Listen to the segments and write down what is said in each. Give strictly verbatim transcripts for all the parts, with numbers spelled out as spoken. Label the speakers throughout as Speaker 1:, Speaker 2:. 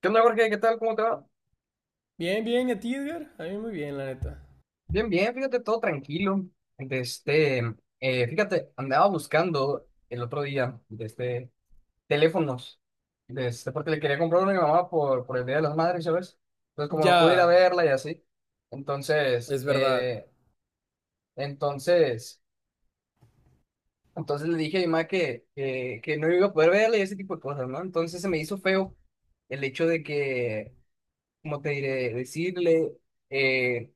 Speaker 1: ¿Qué onda, Jorge? ¿Qué tal? ¿Cómo te va?
Speaker 2: Bien, bien, ¿y a ti, Edgar? A mí muy bien, la neta.
Speaker 1: Bien, bien, fíjate, todo tranquilo. De este, eh, fíjate, andaba buscando el otro día de este, teléfonos, de este, porque le quería comprar uno a mi mamá por, por el Día de las Madres, ¿sabes? Entonces, como no pude ir a
Speaker 2: Ya,
Speaker 1: verla y así, entonces,
Speaker 2: es verdad.
Speaker 1: eh, entonces, entonces le dije a mi mamá que, que, que no iba a poder verla y ese tipo de cosas, ¿no? Entonces se me hizo feo el hecho de que, como te diré, decirle... eh,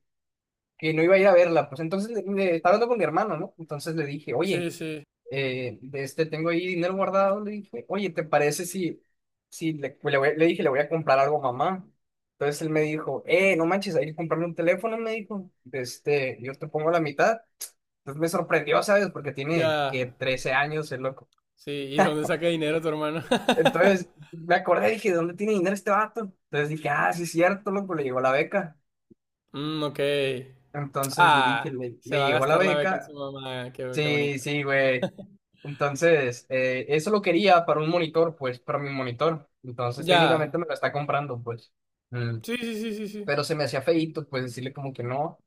Speaker 1: que no iba a ir a verla. Pues entonces le, le- estaba hablando con mi hermano, ¿no? Entonces le dije, oye,
Speaker 2: Sí, sí,
Speaker 1: eh, de este tengo ahí dinero guardado. Le dije, oye, ¿te parece si, si le, pues, le voy- le dije, le voy a comprar algo a mamá? Entonces él me dijo, eh, no manches, hay que comprarle un teléfono, me dijo. De Este, yo te pongo la mitad. Entonces me sorprendió, ¿sabes? Porque tiene que
Speaker 2: ya.
Speaker 1: trece años, el loco.
Speaker 2: Sí, ¿y de dónde saca dinero tu hermano?
Speaker 1: Entonces me acordé, dije, ¿de dónde tiene dinero este vato? Entonces dije, ah, sí es cierto, loco, le llegó la beca.
Speaker 2: Mm, ok.
Speaker 1: Entonces le dije,
Speaker 2: Ah,
Speaker 1: le,
Speaker 2: se
Speaker 1: le
Speaker 2: va a
Speaker 1: llegó la
Speaker 2: gastar la beca en su
Speaker 1: beca.
Speaker 2: mamá. Qué, qué
Speaker 1: Sí,
Speaker 2: bonito.
Speaker 1: sí, güey. Entonces, eh, eso lo quería para un monitor, pues, para mi monitor. Entonces,
Speaker 2: Ya.
Speaker 1: técnicamente me lo está comprando, pues. Mm.
Speaker 2: Sí, sí, sí, sí, sí.
Speaker 1: Pero se me hacía feíto, pues, decirle como que no.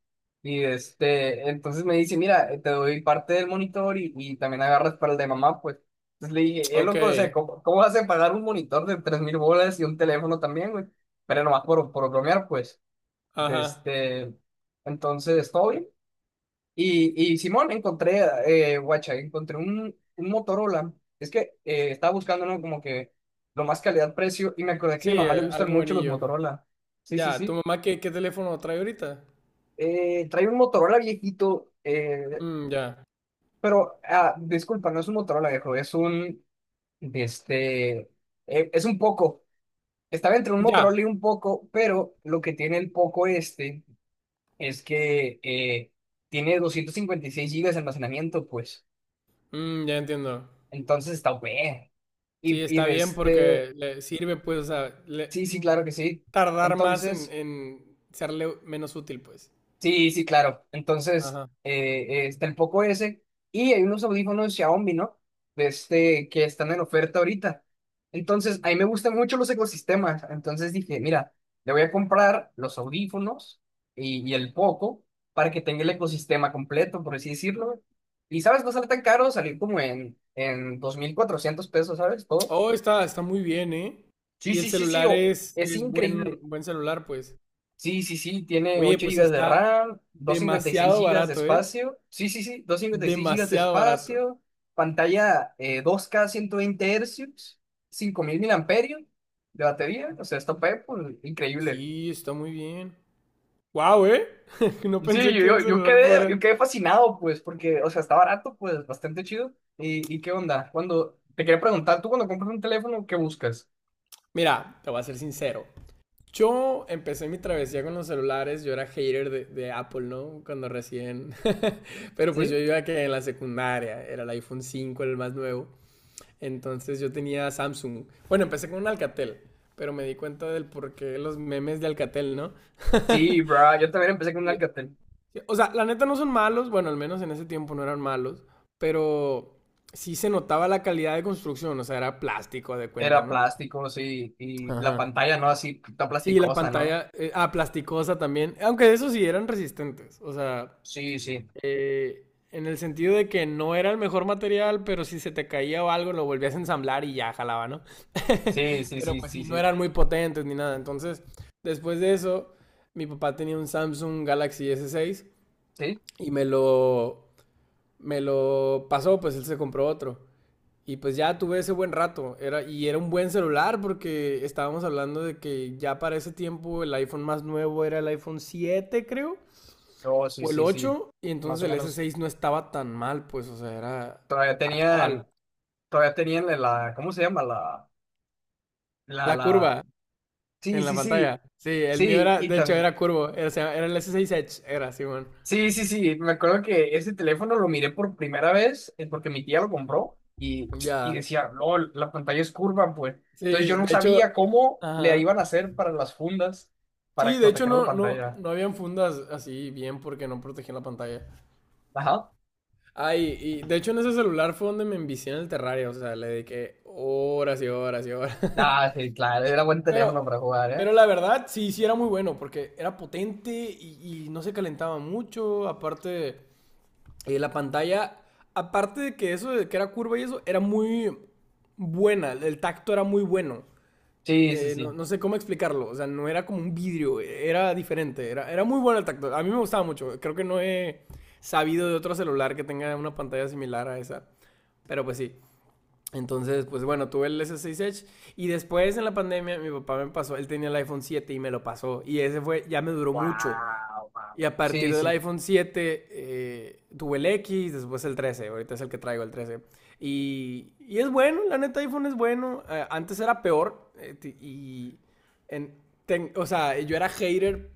Speaker 1: Y este, entonces me dice, mira, eh, te doy parte del monitor y, y también agarras para el de mamá, pues. Entonces le dije, eh,
Speaker 2: Ok.
Speaker 1: loco, o sea, ¿cómo, ¿cómo vas a pagar un monitor de tres mil bolas y un teléfono también, güey? Pero nomás por, por bromear, pues. De
Speaker 2: Ajá.
Speaker 1: este, entonces, todo bien. Y, y Simón, encontré, eh, guacha, encontré un, un Motorola. Es que eh, estaba buscando, ¿no? Como que lo más calidad-precio y me acordé que
Speaker 2: Sí,
Speaker 1: a mi mamá le
Speaker 2: eh,
Speaker 1: gustan
Speaker 2: algo
Speaker 1: mucho los
Speaker 2: buenillo.
Speaker 1: Motorola. Sí, sí,
Speaker 2: Ya, ¿tu
Speaker 1: sí.
Speaker 2: mamá qué, qué teléfono trae ahorita?
Speaker 1: Eh, trae un Motorola viejito, eh,
Speaker 2: Mm, ya.
Speaker 1: pero, ah, disculpa, no es un Motorola viejo, es un, de este, eh, es un Poco. Estaba entre un
Speaker 2: Ya.
Speaker 1: Motorola y un Poco, pero lo que tiene el Poco este es que eh, tiene doscientos cincuenta y seis gigas de almacenamiento, pues.
Speaker 2: Mm, ya entiendo.
Speaker 1: Entonces está bueno.
Speaker 2: Sí,
Speaker 1: Y, y
Speaker 2: está
Speaker 1: de
Speaker 2: bien
Speaker 1: este,
Speaker 2: porque le sirve, pues, o sea, le
Speaker 1: sí, sí, claro que sí.
Speaker 2: tardar más en,
Speaker 1: Entonces,
Speaker 2: en serle menos útil, pues.
Speaker 1: sí, sí, claro. Entonces,
Speaker 2: Ajá.
Speaker 1: eh, eh, está el Poco ese y hay unos audífonos Xiaomi, ¿no? De este, que están en oferta ahorita. Entonces, a mí me gustan mucho los ecosistemas. Entonces dije, mira, le voy a comprar los audífonos y, y el Poco para que tenga el ecosistema completo, por así decirlo. Y, ¿sabes? No sale tan caro, salió como en, en dos mil cuatrocientos pesos, ¿sabes? Todo.
Speaker 2: Oh, está, está muy bien, ¿eh?
Speaker 1: Sí,
Speaker 2: Y el
Speaker 1: sí, sí, sí,
Speaker 2: celular
Speaker 1: o-
Speaker 2: es,
Speaker 1: es
Speaker 2: es buen,
Speaker 1: increíble.
Speaker 2: buen celular, pues.
Speaker 1: Sí, sí, sí, tiene
Speaker 2: Oye,
Speaker 1: ocho
Speaker 2: pues
Speaker 1: gigas de
Speaker 2: está
Speaker 1: RAM, doscientos cincuenta y seis
Speaker 2: demasiado
Speaker 1: gigas de
Speaker 2: barato, ¿eh?
Speaker 1: espacio. Sí, sí, sí, doscientos cincuenta y seis gigas de
Speaker 2: Demasiado barato.
Speaker 1: espacio, pantalla eh, dos K ciento veinte Hz, cinco mil miliamperios de batería, o sea, está pe- pues, increíble.
Speaker 2: Sí, está muy bien. Wow, ¿eh? No
Speaker 1: Y sí,
Speaker 2: pensé
Speaker 1: yo,
Speaker 2: que
Speaker 1: yo,
Speaker 2: un
Speaker 1: yo
Speaker 2: celular
Speaker 1: quedé, yo
Speaker 2: podría...
Speaker 1: quedé fascinado, pues, porque, o sea, está barato, pues, bastante chido. ¿Y, y qué onda? Cuando, te quería preguntar, tú cuando compras un teléfono, ¿qué buscas?
Speaker 2: Mira, te voy a ser sincero. Yo empecé mi travesía con los celulares, yo era hater de, de Apple, ¿no? Cuando recién, pero pues yo
Speaker 1: ¿Sí?
Speaker 2: iba que en la secundaria, era el iPhone cinco, el más nuevo, entonces yo tenía Samsung. Bueno, empecé con un Alcatel, pero me di cuenta del por qué los memes de Alcatel, ¿no?
Speaker 1: Sí, bro, yo también empecé con un
Speaker 2: Y-
Speaker 1: Alcatel.
Speaker 2: O sea, la neta no son malos, bueno, al menos en ese tiempo no eran malos, pero sí se notaba la calidad de construcción, o sea, era plástico de cuenta,
Speaker 1: Era
Speaker 2: ¿no?
Speaker 1: plástico, sí, y la
Speaker 2: Ajá.
Speaker 1: pantalla, ¿no? Así, tan
Speaker 2: Sí, la
Speaker 1: plasticosa, ¿no?
Speaker 2: pantalla, eh, ah, plasticosa también, aunque eso sí eran resistentes, o sea,
Speaker 1: Sí, sí,
Speaker 2: eh, en el sentido de que no era el mejor material, pero si se te caía o algo lo volvías a ensamblar y ya jalaba, ¿no?
Speaker 1: sí, sí,
Speaker 2: Pero
Speaker 1: sí,
Speaker 2: pues
Speaker 1: sí,
Speaker 2: sí, no
Speaker 1: sí,
Speaker 2: eran muy potentes ni nada, entonces después de eso, mi papá tenía un Samsung Galaxy S seis
Speaker 1: sí,
Speaker 2: y me lo, me lo pasó, pues él se compró otro. Y pues ya tuve ese buen rato. Era, y era un buen celular porque estábamos hablando de que ya para ese tiempo el iPhone más nuevo era el iPhone siete, creo,
Speaker 1: oh, sí,
Speaker 2: o el
Speaker 1: sí, sí,
Speaker 2: ocho. Y
Speaker 1: más
Speaker 2: entonces
Speaker 1: o
Speaker 2: el
Speaker 1: menos,
Speaker 2: S seis no estaba tan mal, pues, o sea, era
Speaker 1: todavía
Speaker 2: actual.
Speaker 1: tenían, todavía tenían la, ¿cómo se llama? La, la,
Speaker 2: La
Speaker 1: la,
Speaker 2: curva
Speaker 1: sí,
Speaker 2: en la
Speaker 1: sí,
Speaker 2: pantalla.
Speaker 1: sí,
Speaker 2: Sí, el mío
Speaker 1: sí,
Speaker 2: era,
Speaker 1: y
Speaker 2: de hecho,
Speaker 1: tan,
Speaker 2: era curvo. Era, se llama- era el S seis Edge, era, Simón.
Speaker 1: sí, sí, sí, me acuerdo que ese teléfono lo miré por primera vez, eh, porque mi tía lo compró, y, y
Speaker 2: Ya.
Speaker 1: decía, LOL, la pantalla es curva, pues,
Speaker 2: Sí,
Speaker 1: entonces yo
Speaker 2: de
Speaker 1: no sabía
Speaker 2: hecho,
Speaker 1: cómo le
Speaker 2: ajá.
Speaker 1: iban a hacer para las fundas, para
Speaker 2: Sí, de hecho
Speaker 1: proteger la
Speaker 2: no, no,
Speaker 1: pantalla.
Speaker 2: no habían fundas así bien porque no protegían la pantalla.
Speaker 1: Ajá.
Speaker 2: Ay, y de hecho en ese celular fue donde me envicié en el terrario, o sea, le dediqué horas y horas y horas.
Speaker 1: Ah, sí, claro, era buen
Speaker 2: Pero,
Speaker 1: teléfono para jugar, ¿eh?
Speaker 2: pero la verdad, sí, sí era muy bueno, porque era potente y, y no se calentaba mucho, aparte, eh, la pantalla, aparte de que eso, de que era curva y eso, era muy buena, el tacto era muy bueno.
Speaker 1: Sí, sí,
Speaker 2: Eh, no,
Speaker 1: sí.
Speaker 2: no sé cómo explicarlo, o sea, no era como un vidrio, era diferente, era, era muy bueno el tacto, a mí me gustaba mucho, creo que no he sabido de otro celular que tenga una pantalla similar a esa. Pero pues sí. Entonces, pues bueno, tuve el S seis Edge y después en la pandemia mi papá me pasó, él tenía el iPhone siete y me lo pasó y ese fue, ya me duró mucho.
Speaker 1: Wow, wow.
Speaker 2: Y a partir
Speaker 1: Sí,
Speaker 2: del
Speaker 1: sí,
Speaker 2: iPhone siete eh, tuve el X, después el trece, ahorita es el que traigo, el trece. Y, y es bueno, la neta iPhone es bueno. Eh, antes era peor, eh, y en- ten- o sea, yo era hater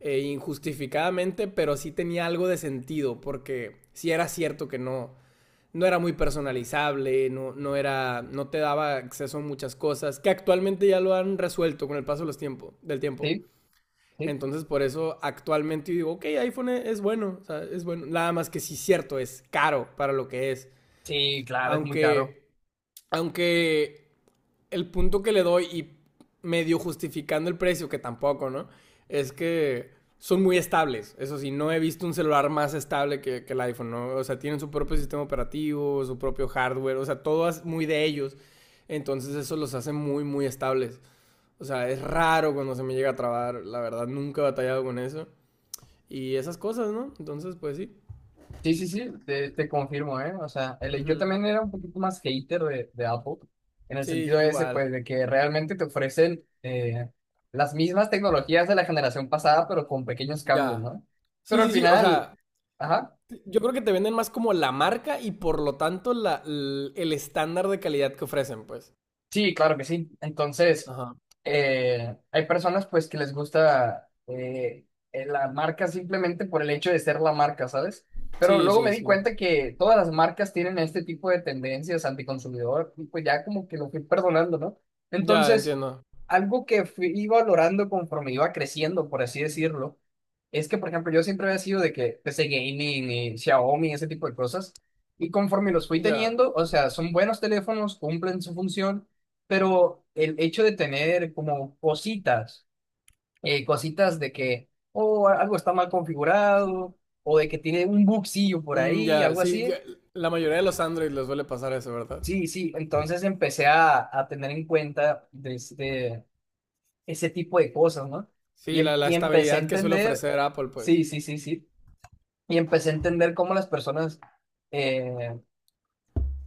Speaker 2: eh, injustificadamente, pero sí tenía algo de sentido porque sí era cierto que no no era muy personalizable, no no era, no te daba acceso a muchas cosas que actualmente ya lo han resuelto con el paso de los tiempos del tiempo.
Speaker 1: sí, sí.
Speaker 2: Entonces, por eso actualmente digo, ok, iPhone es bueno, o sea, es bueno. Nada más que sí, cierto, es caro para lo que es.
Speaker 1: Sí, claro, es muy caro.
Speaker 2: Aunque, aunque el punto que le doy y medio justificando el precio, que tampoco, ¿no? Es que son muy estables. Eso sí, no he visto un celular más estable que, que el iPhone, ¿no? O sea, tienen su propio sistema operativo, su propio hardware, o sea, todo es muy de ellos. Entonces, eso los hace muy, muy estables. O sea, es raro cuando se me llega a trabar, la verdad, nunca he batallado con eso y esas cosas, ¿no? Entonces, pues sí.
Speaker 1: Sí, sí, sí, te, te confirmo, ¿eh? O sea, el- yo
Speaker 2: Ujú.
Speaker 1: también era un poquito más hater de, de Apple, en el
Speaker 2: Sí,
Speaker 1: sentido
Speaker 2: yo
Speaker 1: ese,
Speaker 2: igual.
Speaker 1: pues, de que realmente te ofrecen eh, las mismas tecnologías de la generación pasada, pero con pequeños cambios,
Speaker 2: Ya.
Speaker 1: ¿no?
Speaker 2: Sí,
Speaker 1: Pero al
Speaker 2: sí, sí, o
Speaker 1: final,
Speaker 2: sea,
Speaker 1: ajá.
Speaker 2: yo creo que te venden más como la marca y por lo tanto la, l- el estándar de calidad que ofrecen, pues.
Speaker 1: Sí, claro que sí. Entonces,
Speaker 2: Ajá.
Speaker 1: eh, hay personas pues que les gusta eh, eh, la marca simplemente por el hecho de ser la marca, ¿sabes? Pero
Speaker 2: Sí,
Speaker 1: luego me
Speaker 2: sí,
Speaker 1: di
Speaker 2: sí.
Speaker 1: cuenta que todas las marcas tienen este tipo de tendencias anticonsumidor y pues ya como que lo fui perdonando, ¿no?
Speaker 2: Ya,
Speaker 1: Entonces,
Speaker 2: entiendo.
Speaker 1: algo que fui valorando conforme iba creciendo, por así decirlo, es que, por ejemplo, yo siempre había sido de que P C Gaming y Xiaomi, ese tipo de cosas. Y conforme los fui
Speaker 2: Ya.
Speaker 1: teniendo, o sea, son buenos teléfonos, cumplen su función, pero el hecho de tener como cositas, eh, cositas de que, oh, algo está mal configurado, o de que tiene un bugcillo por
Speaker 2: Mm,
Speaker 1: ahí,
Speaker 2: ya,
Speaker 1: algo
Speaker 2: sí,
Speaker 1: así.
Speaker 2: que la mayoría de los Android les suele pasar eso, ¿verdad?
Speaker 1: Sí, sí, entonces empecé a, a tener en cuenta de este- ese tipo de cosas, ¿no? Y,
Speaker 2: Sí,
Speaker 1: em-
Speaker 2: la, la
Speaker 1: y empecé a
Speaker 2: estabilidad que suele
Speaker 1: entender,
Speaker 2: ofrecer Apple,
Speaker 1: sí,
Speaker 2: pues.
Speaker 1: sí, sí, sí, y empecé a entender cómo las personas, eh,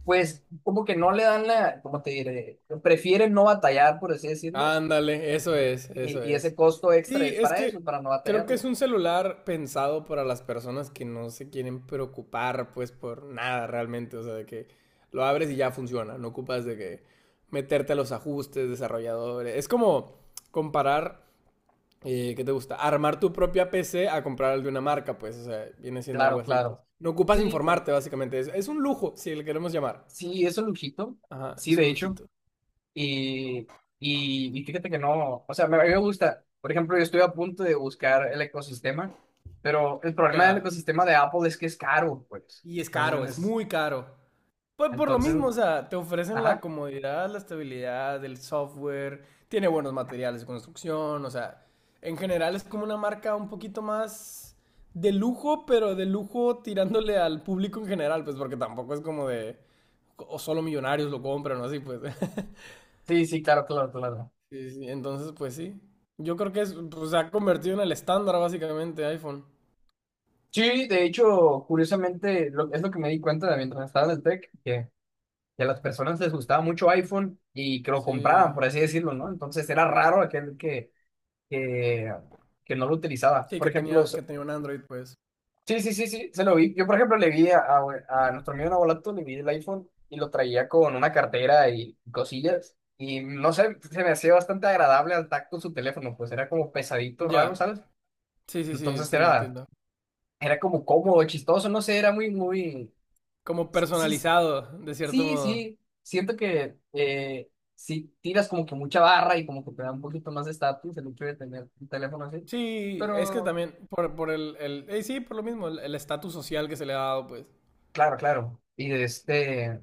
Speaker 1: pues, como que no le dan la, ¿cómo te diré? Prefieren no batallar, por así decirlo.
Speaker 2: Ándale, eso es, eso
Speaker 1: Y, y ese
Speaker 2: es.
Speaker 1: costo extra
Speaker 2: Sí,
Speaker 1: es
Speaker 2: es
Speaker 1: para
Speaker 2: que
Speaker 1: eso, para no
Speaker 2: creo que es
Speaker 1: batallarlo.
Speaker 2: un celular pensado para las personas que no se quieren preocupar, pues, por nada realmente. O sea, de que lo abres y ya funciona. No ocupas de que meterte a los ajustes, desarrolladores. Es como comparar, eh, ¿qué te gusta? Armar tu propia P C a comprar el de una marca, pues. O sea, viene siendo algo
Speaker 1: Claro,
Speaker 2: así, pues.
Speaker 1: claro.
Speaker 2: No ocupas
Speaker 1: Sí, claro.
Speaker 2: informarte, básicamente. Es, es un lujo, si le queremos llamar.
Speaker 1: Sí, es un lujito.
Speaker 2: Ajá,
Speaker 1: Sí,
Speaker 2: es un
Speaker 1: de hecho.
Speaker 2: lujito.
Speaker 1: Y, y, y fíjate que no, o sea, me, a mí me gusta. Por ejemplo, yo estoy a punto de buscar el ecosistema, pero el problema del
Speaker 2: Ya.
Speaker 1: ecosistema de Apple es que es caro, pues.
Speaker 2: Y es caro,
Speaker 1: Entonces,
Speaker 2: es
Speaker 1: es-
Speaker 2: muy caro. Pues por lo
Speaker 1: entonces,
Speaker 2: mismo, o sea, te ofrecen la
Speaker 1: ajá.
Speaker 2: comodidad, la estabilidad, el software, tiene buenos materiales de construcción, o sea, en general es como una marca un poquito más de lujo, pero de lujo tirándole al público en general, pues porque tampoco es como de, o solo millonarios lo compran o así, pues.
Speaker 1: Sí, sí, claro, claro, claro.
Speaker 2: Sí, sí, entonces, pues sí. Yo creo que es, pues, se ha convertido en el estándar básicamente iPhone.
Speaker 1: Sí, de hecho, curiosamente, lo- es lo que me di cuenta de mientras estaba en el tech, que a las personas les gustaba mucho iPhone y que lo
Speaker 2: Sí.
Speaker 1: compraban, por así decirlo, ¿no? Entonces era raro aquel que, que, que no lo utilizaba.
Speaker 2: Sí,
Speaker 1: Por
Speaker 2: que
Speaker 1: ejemplo,
Speaker 2: tenía,
Speaker 1: s-
Speaker 2: que tenía un Android, pues.
Speaker 1: sí, sí, sí, sí, se lo vi. Yo, por ejemplo, le vi a, a, a nuestro amigo Nabolato, le vi el iPhone y lo traía con una cartera y cosillas. Y no sé, se me hacía bastante agradable al tacto su teléfono, pues era como pesadito, raro,
Speaker 2: Ya.
Speaker 1: ¿sabes?
Speaker 2: Sí, sí, sí,
Speaker 1: Entonces
Speaker 2: entiendo,
Speaker 1: era,
Speaker 2: entiendo.
Speaker 1: era como cómodo, chistoso, no sé, era muy, muy...
Speaker 2: Como
Speaker 1: Sí,
Speaker 2: personalizado, de cierto
Speaker 1: sí,
Speaker 2: modo.
Speaker 1: sí, siento que eh, si tiras como que mucha barra y como que te da un poquito más de estatus el hecho de tener un teléfono así.
Speaker 2: Sí, es que
Speaker 1: Pero,
Speaker 2: también por, por el, el eh, sí, por lo mismo, el el estatus social que se le ha dado, pues.
Speaker 1: claro, claro. Y de este,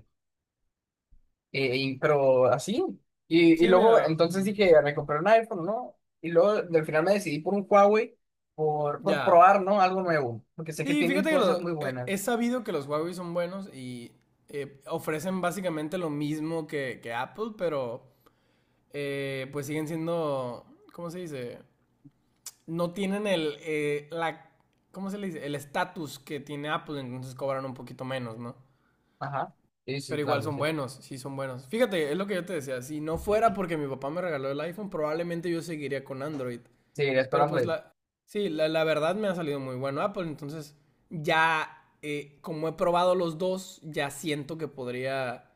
Speaker 1: eh, y- pero así. Y, y
Speaker 2: Sí,
Speaker 1: luego,
Speaker 2: mira,
Speaker 1: entonces dije, "Ah, me compré un iPhone, ¿no?" Y luego, al final me decidí por un Huawei por, por
Speaker 2: ya.
Speaker 1: probar, ¿no? Algo nuevo. Porque sé que
Speaker 2: Sí,
Speaker 1: tienen
Speaker 2: fíjate que lo,
Speaker 1: cosas muy
Speaker 2: eh, he
Speaker 1: buenas.
Speaker 2: sabido que los Huawei son buenos y eh, ofrecen básicamente lo mismo que, que Apple, pero eh, pues siguen siendo, ¿cómo se dice? No tienen el, eh, la, ¿cómo se le dice? El estatus que tiene Apple, entonces cobran un poquito menos, ¿no?
Speaker 1: Ajá. Sí, sí,
Speaker 2: Pero igual
Speaker 1: claro que
Speaker 2: son
Speaker 1: sí.
Speaker 2: buenos, sí son buenos. Fíjate, es lo que yo te decía, si no fuera porque mi papá me regaló el iPhone, probablemente yo seguiría con Android.
Speaker 1: Seguirías con
Speaker 2: Pero pues
Speaker 1: Android.
Speaker 2: la, sí, la, la verdad me ha salido muy bueno Apple, entonces ya eh, como he probado los dos, ya siento que podría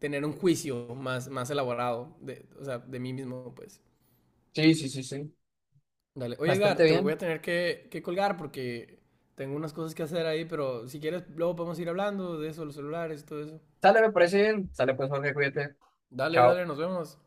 Speaker 2: tener un juicio más, más elaborado, de, o sea, de mí mismo, pues.
Speaker 1: Sí, sí, sí, sí.
Speaker 2: Dale. Oye,
Speaker 1: Bastante
Speaker 2: Edgar, te voy a
Speaker 1: bien.
Speaker 2: tener que, que colgar porque tengo unas cosas que hacer ahí, pero si quieres, luego podemos ir hablando de eso, los celulares y todo eso.
Speaker 1: Sale, me parece bien. Sale, pues, Jorge, cuídate.
Speaker 2: Dale,
Speaker 1: Chao.
Speaker 2: dale, nos vemos.